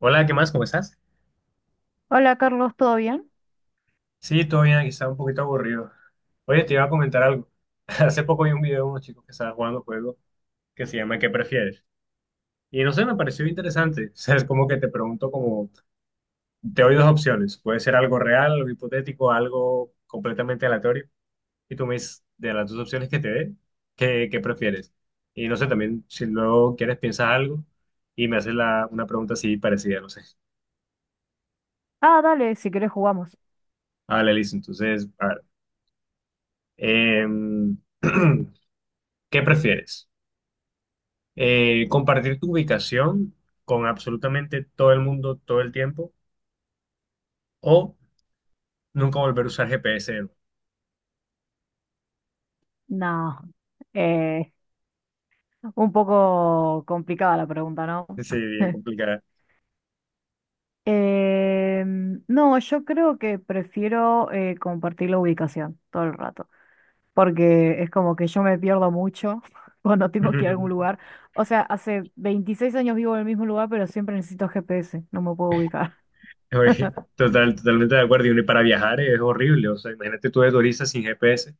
Hola, ¿qué más? ¿Cómo estás? Hola Carlos, ¿todo bien? Sí, todo bien, aquí estaba un poquito aburrido. Oye, te iba a comentar algo. Hace poco vi un video de unos chicos que estaban jugando un juego que se llama ¿Qué prefieres? Y no sé, me pareció interesante. O sea, es como que te pregunto como, te doy dos opciones. Puede ser algo real, algo hipotético, algo completamente aleatorio. Y tú me dices, de las dos opciones que te dé, ¿qué prefieres? Y no sé, también si luego quieres piensas algo y me haces una pregunta así parecida, no sé. Ah, dale, si querés jugamos. Vale, listo. Entonces, a ver. Em, ¿Qué prefieres? ¿Compartir tu ubicación con absolutamente todo el mundo todo el tiempo o nunca volver a usar GPS de nuevo? No, eh, un poco complicada la pregunta, ¿no? Sí, bien complicada. No, yo creo que prefiero compartir la ubicación todo el rato, porque es como que yo me pierdo mucho cuando tengo que ir a algún lugar. O sea, hace 26 años vivo en el mismo lugar, pero siempre necesito GPS, no me puedo ubicar. Oye, totalmente de acuerdo. Y para viajar es horrible. O sea, imagínate tú de turista sin GPS.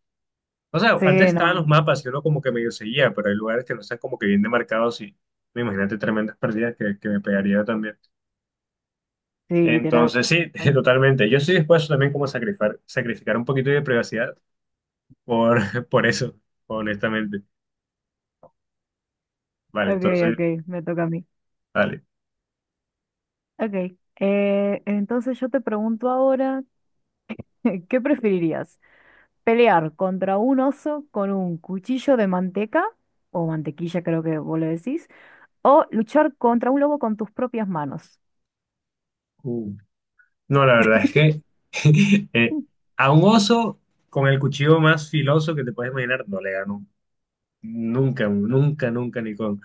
O sea, antes Sí, estaban los no, mapas y uno como que medio seguía, pero hay lugares que no están como que bien demarcados y me imagínate tremendas pérdidas que me pegaría también. sí, literal. Entonces, sí, totalmente. Yo estoy dispuesto también como a sacrificar un poquito de privacidad por, por eso, honestamente. Vale, Ok, entonces, ok, me toca a mí. vale. Ok, entonces yo te pregunto ahora, ¿qué preferirías? ¿Pelear contra un oso con un cuchillo de manteca, o mantequilla creo que vos le decís, o luchar contra un lobo con tus propias manos? Uh, no, la verdad es que eh, a un oso con el cuchillo más filoso que te puedes imaginar, no le gano. Nunca, nunca, nunca,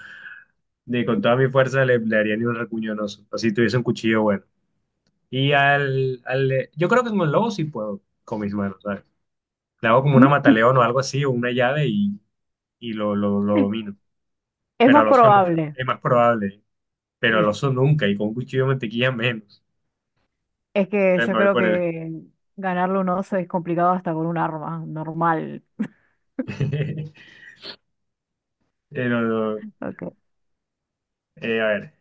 ni con toda mi fuerza le haría ni un recuño a un oso. Así tuviese un cuchillo bueno. Y yo creo que con el lobo sí puedo, con mis manos, ¿sabes? Le hago como una mataleón o algo así, o una llave y lo domino. Es Pero más al oso no, probable. es más probable. ¿Eh? Pero Sí. al oso nunca, y con un cuchillo de mantequilla menos. Es que yo Me voy creo por él. que ganarle un oso es complicado hasta con un arma normal. No, no, Ok. A ver.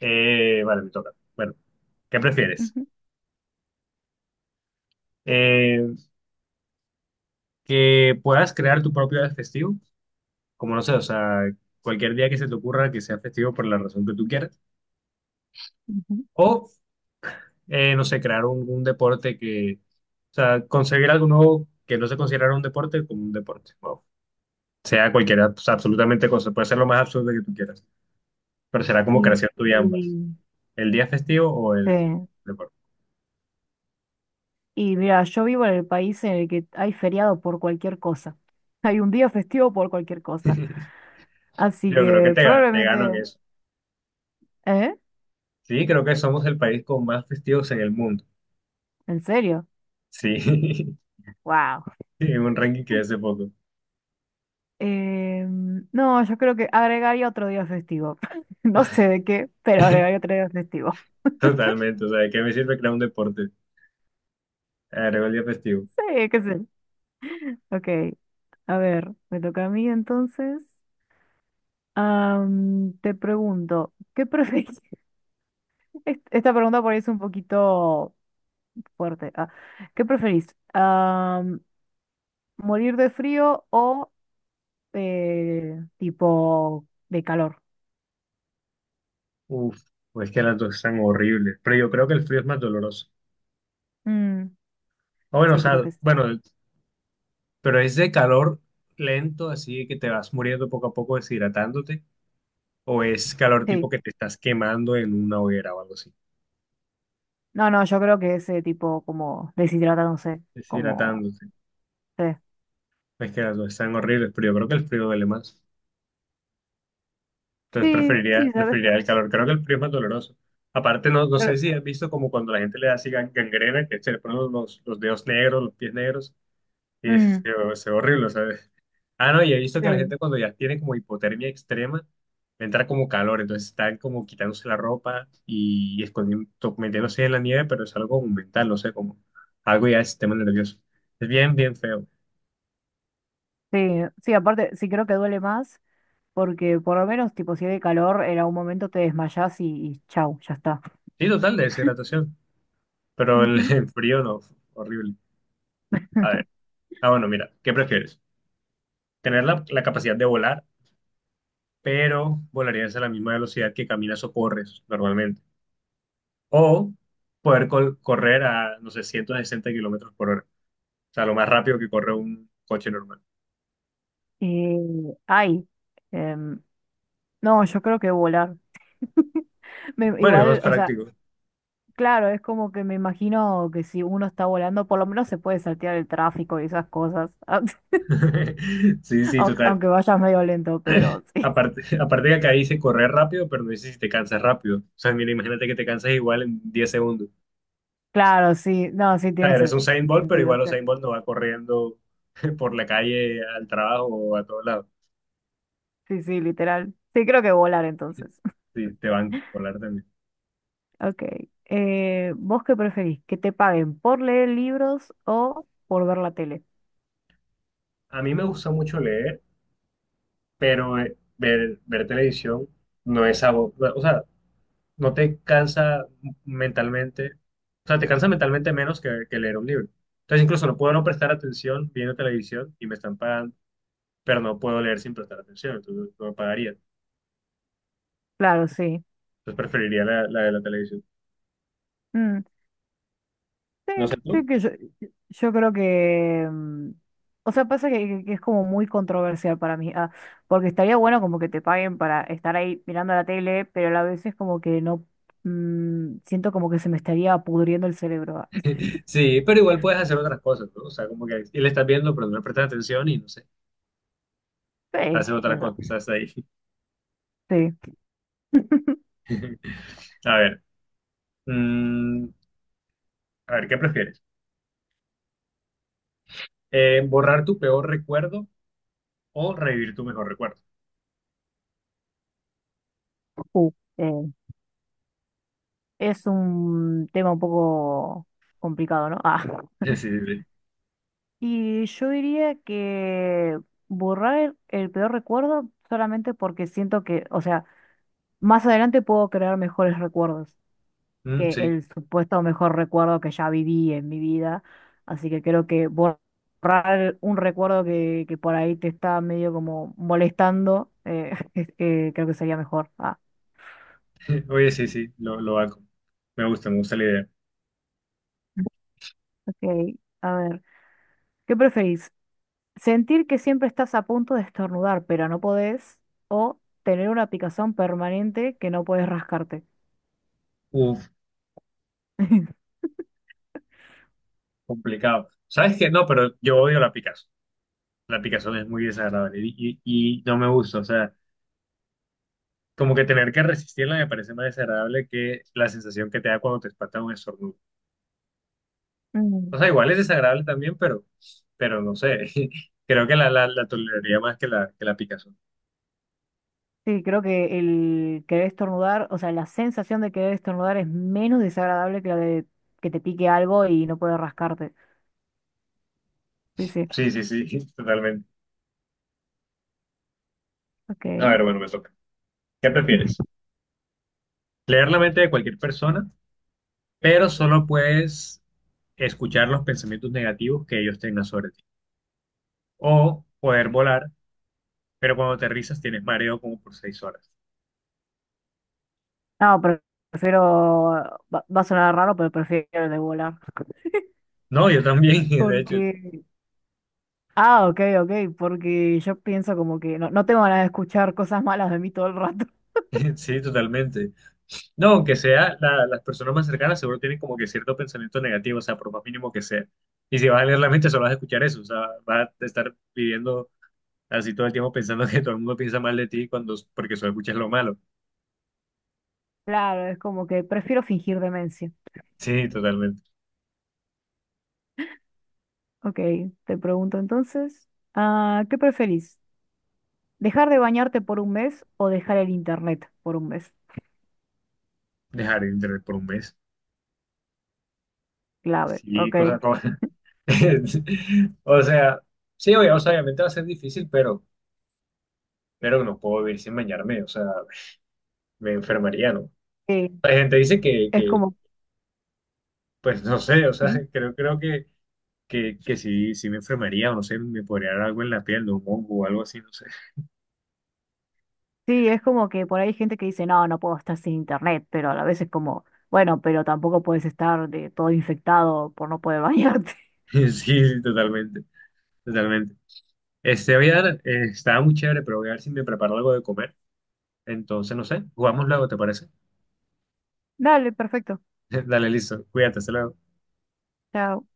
Vale, me toca. Bueno, ¿qué prefieres? Ujú, Eh, que puedas crear tu propio día festivo, como no sé, o sea, cualquier día que se te ocurra que sea festivo por la razón que tú quieras. ujú. O, no sé, crear un deporte que, o sea, conseguir algo nuevo que no se considerara un deporte como un deporte. Wow. Sea cualquiera, o sea, absolutamente cosa. Puede ser lo más absurdo que tú quieras, pero será Y, como creación tuya ambas. y- ¿El día festivo o el Sí. deporte? Y mira, yo vivo en el país en el que hay feriado por cualquier cosa. Hay un día festivo por cualquier cosa. Así Yo creo que que te gano en probablemente. eso. ¿Eh? Sí, creo que somos el país con más festivos en el mundo. ¿En serio? Sí, Wow. en un ranking que hace poco. No, yo creo que agregaría otro día festivo. No sé de qué, pero agregaría otro día festivo. Totalmente, o sea, ¿de qué me sirve crear un deporte? Agrego el día festivo. Sí, qué sé. Ok. A ver, me toca a mí entonces. Te pregunto, ¿qué prefieres? Esta pregunta por ahí es un poquito fuerte. Ah, ¿qué preferís? ¿Morir de frío o tipo de calor? Uf, pues que las dos están horribles, pero yo creo que el frío es más doloroso. Mm, Ah, bueno, o sí, creo sea, que bueno, pero es de calor lento, así que te vas muriendo poco a poco deshidratándote, o es calor sí. tipo que te estás quemando en una hoguera o algo así, No, no, yo creo que ese tipo como deshidratándose, como. deshidratándote. Sí, Es que las dos están horribles, pero yo creo que el frío duele más. Entonces sí, sí, ¿sabes? preferiría el calor. Creo que el frío es más doloroso. Aparte, no, no sé Creo- si has visto como cuando la gente le da así gangrena, que se le ponen los dedos negros, los pies negros, y es, mm, se ve horrible, ¿sabes? Ah, no, y he visto que la sí, gente cuando ya tiene como hipotermia extrema, le entra como calor, entonces están como quitándose la ropa y escondiendo, metiéndose en la nieve, pero es algo mental, no sé, como algo ya del sistema nervioso. Es bien, bien feo. sí, sí, aparte sí creo que duele más porque por lo menos tipo si hay calor en algún momento te desmayás y chau, ya está. Sí, total, de deshidratación, pero el, Ujú. el frío no, horrible. A ver, ah, bueno, mira, ¿qué prefieres? Tener la capacidad de volar, pero volarías a la misma velocidad que caminas o corres normalmente. O poder correr a, no sé, 160 kilómetros por hora. O sea, lo más rápido que corre un coche normal. Eh, ay, em, no, yo creo que volar. Bueno, es más Igual, o sea, práctico. claro, es como que me imagino que si uno está volando, por lo menos se puede saltear el tráfico y esas cosas, Sí, sí, aunque total. aunque vayas medio lento, pero sí. Aparte, aparte que acá dice correr rápido, pero no dice si te cansas rápido. O sea, mira, imagínate que te cansas igual en 10 segundos. Claro, sí, O no, sí sea, tiene eres un Usain Bolt, pero sentido. igual Sí. Usain Bolt no va corriendo por la calle al trabajo o a todos lados. Sí, sí, literal. Sí, creo que volar entonces. Sí, te van a volar también. Ok. ¿Vos qué preferís? ¿Que te paguen por leer libros o por ver la tele? A mí me gusta mucho leer, pero ver televisión no es algo, o sea, no te cansa mentalmente, o sea, te cansa mentalmente menos que leer un libro. Entonces incluso no puedo no prestar atención viendo televisión y me están pagando, pero no puedo leer sin prestar atención, entonces no me pagaría. Claro, sí. Entonces preferiría la de la televisión. Mm, sí, No sé tú. sí que yo creo que o sea, pasa que es como muy controversial para mí. Ah, porque estaría bueno como que te paguen para estar ahí mirando la tele, pero a la vez es como que no. Siento como que se me estaría pudriendo el cerebro. Ah. Sí, pero igual puedes hacer otras cosas, ¿no? O sea, como que y le estás viendo, pero no le prestas atención y no sé, Sí, haces qué otra sé cosa, yo. estás ahí. Sí. A ver, mm, a ver, ¿qué prefieres? Borrar tu peor recuerdo o revivir tu mejor recuerdo. Uh, Es un tema un poco complicado, ¿no? Ah. Sí, sí, sí. Y yo diría que borrar el peor recuerdo solamente porque siento que, o sea, más adelante puedo crear mejores recuerdos Mm, que sí. el supuesto mejor recuerdo que ya viví en mi vida. Así que creo que borrar un recuerdo que por ahí te está medio como molestando, creo que sería mejor. Ah, Oye, sí, sí, lo hago. Me gusta la idea. ok. A ver, ¿qué preferís? Sentir que siempre estás a punto de estornudar, pero no podés, o tener una picazón permanente que no puedes rascarte. Uf, complicado. ¿Sabes qué? No, pero yo odio la picazón. La picazón es muy desagradable y no me gusta. O sea, como que tener que resistirla me parece más desagradable que la sensación que te da cuando te espanta un estornudo. Mm. O sea, igual es desagradable también, pero no sé. Creo que la toleraría más que que la picazón. Sí, creo que el querer estornudar, o sea, la sensación de querer estornudar es menos desagradable que la de que te pique algo y no puedes rascarte. Sí, sí. Sí, sí, sí, totalmente. Ok. A ver, bueno, me toca. ¿Qué prefieres? Leer la mente de cualquier persona, pero solo puedes escuchar los pensamientos negativos que ellos tengan sobre ti. O poder volar, pero cuando aterrizas tienes mareo como por 6 horas. No, pero prefiero, va a sonar raro, pero prefiero el de volar. No, yo también, de hecho, Porque, ah, ok, ok, porque yo pienso como que no, no tengo ganas de escuchar cosas malas de mí todo el rato. sí, totalmente. No, aunque sea, las personas más cercanas seguro tienen como que cierto pensamiento negativo, o sea, por más mínimo que sea. Y si vas a leer la mente, solo vas a escuchar eso, o sea, vas a estar viviendo así todo el tiempo pensando que todo el mundo piensa mal de ti cuando, porque solo escuchas lo malo. Claro, es como que prefiero fingir demencia. Sí, totalmente. Ok, te pregunto entonces, ah, ¿qué preferís? ¿Dejar de bañarte por un mes o dejar el internet por un mes? Dejar de internet por un mes. Clave, Sí, ok. cosa como... O sea, sí, o sea, obviamente va a ser difícil, pero no puedo vivir sin bañarme, o sea, me enfermaría, ¿no? Sí, La gente dice es que como, pues no sé, o sea, ¿Mm? creo, creo que, que sí, sí me enfermaría, no sé, me podría dar algo en la piel, ¿no? Un hongo o algo así, no sé. Sí, es como que por ahí hay gente que dice, no, no puedo estar sin internet, pero a la vez es como, bueno, pero tampoco puedes estar de todo infectado por no poder bañarte. Sí, sí, totalmente, totalmente. Este, voy a dar, estaba muy chévere, pero voy a ver si me preparo algo de comer. Entonces, no sé, jugamos luego, ¿te parece? Dale, perfecto. Dale, listo, cuídate, hasta luego. Chao.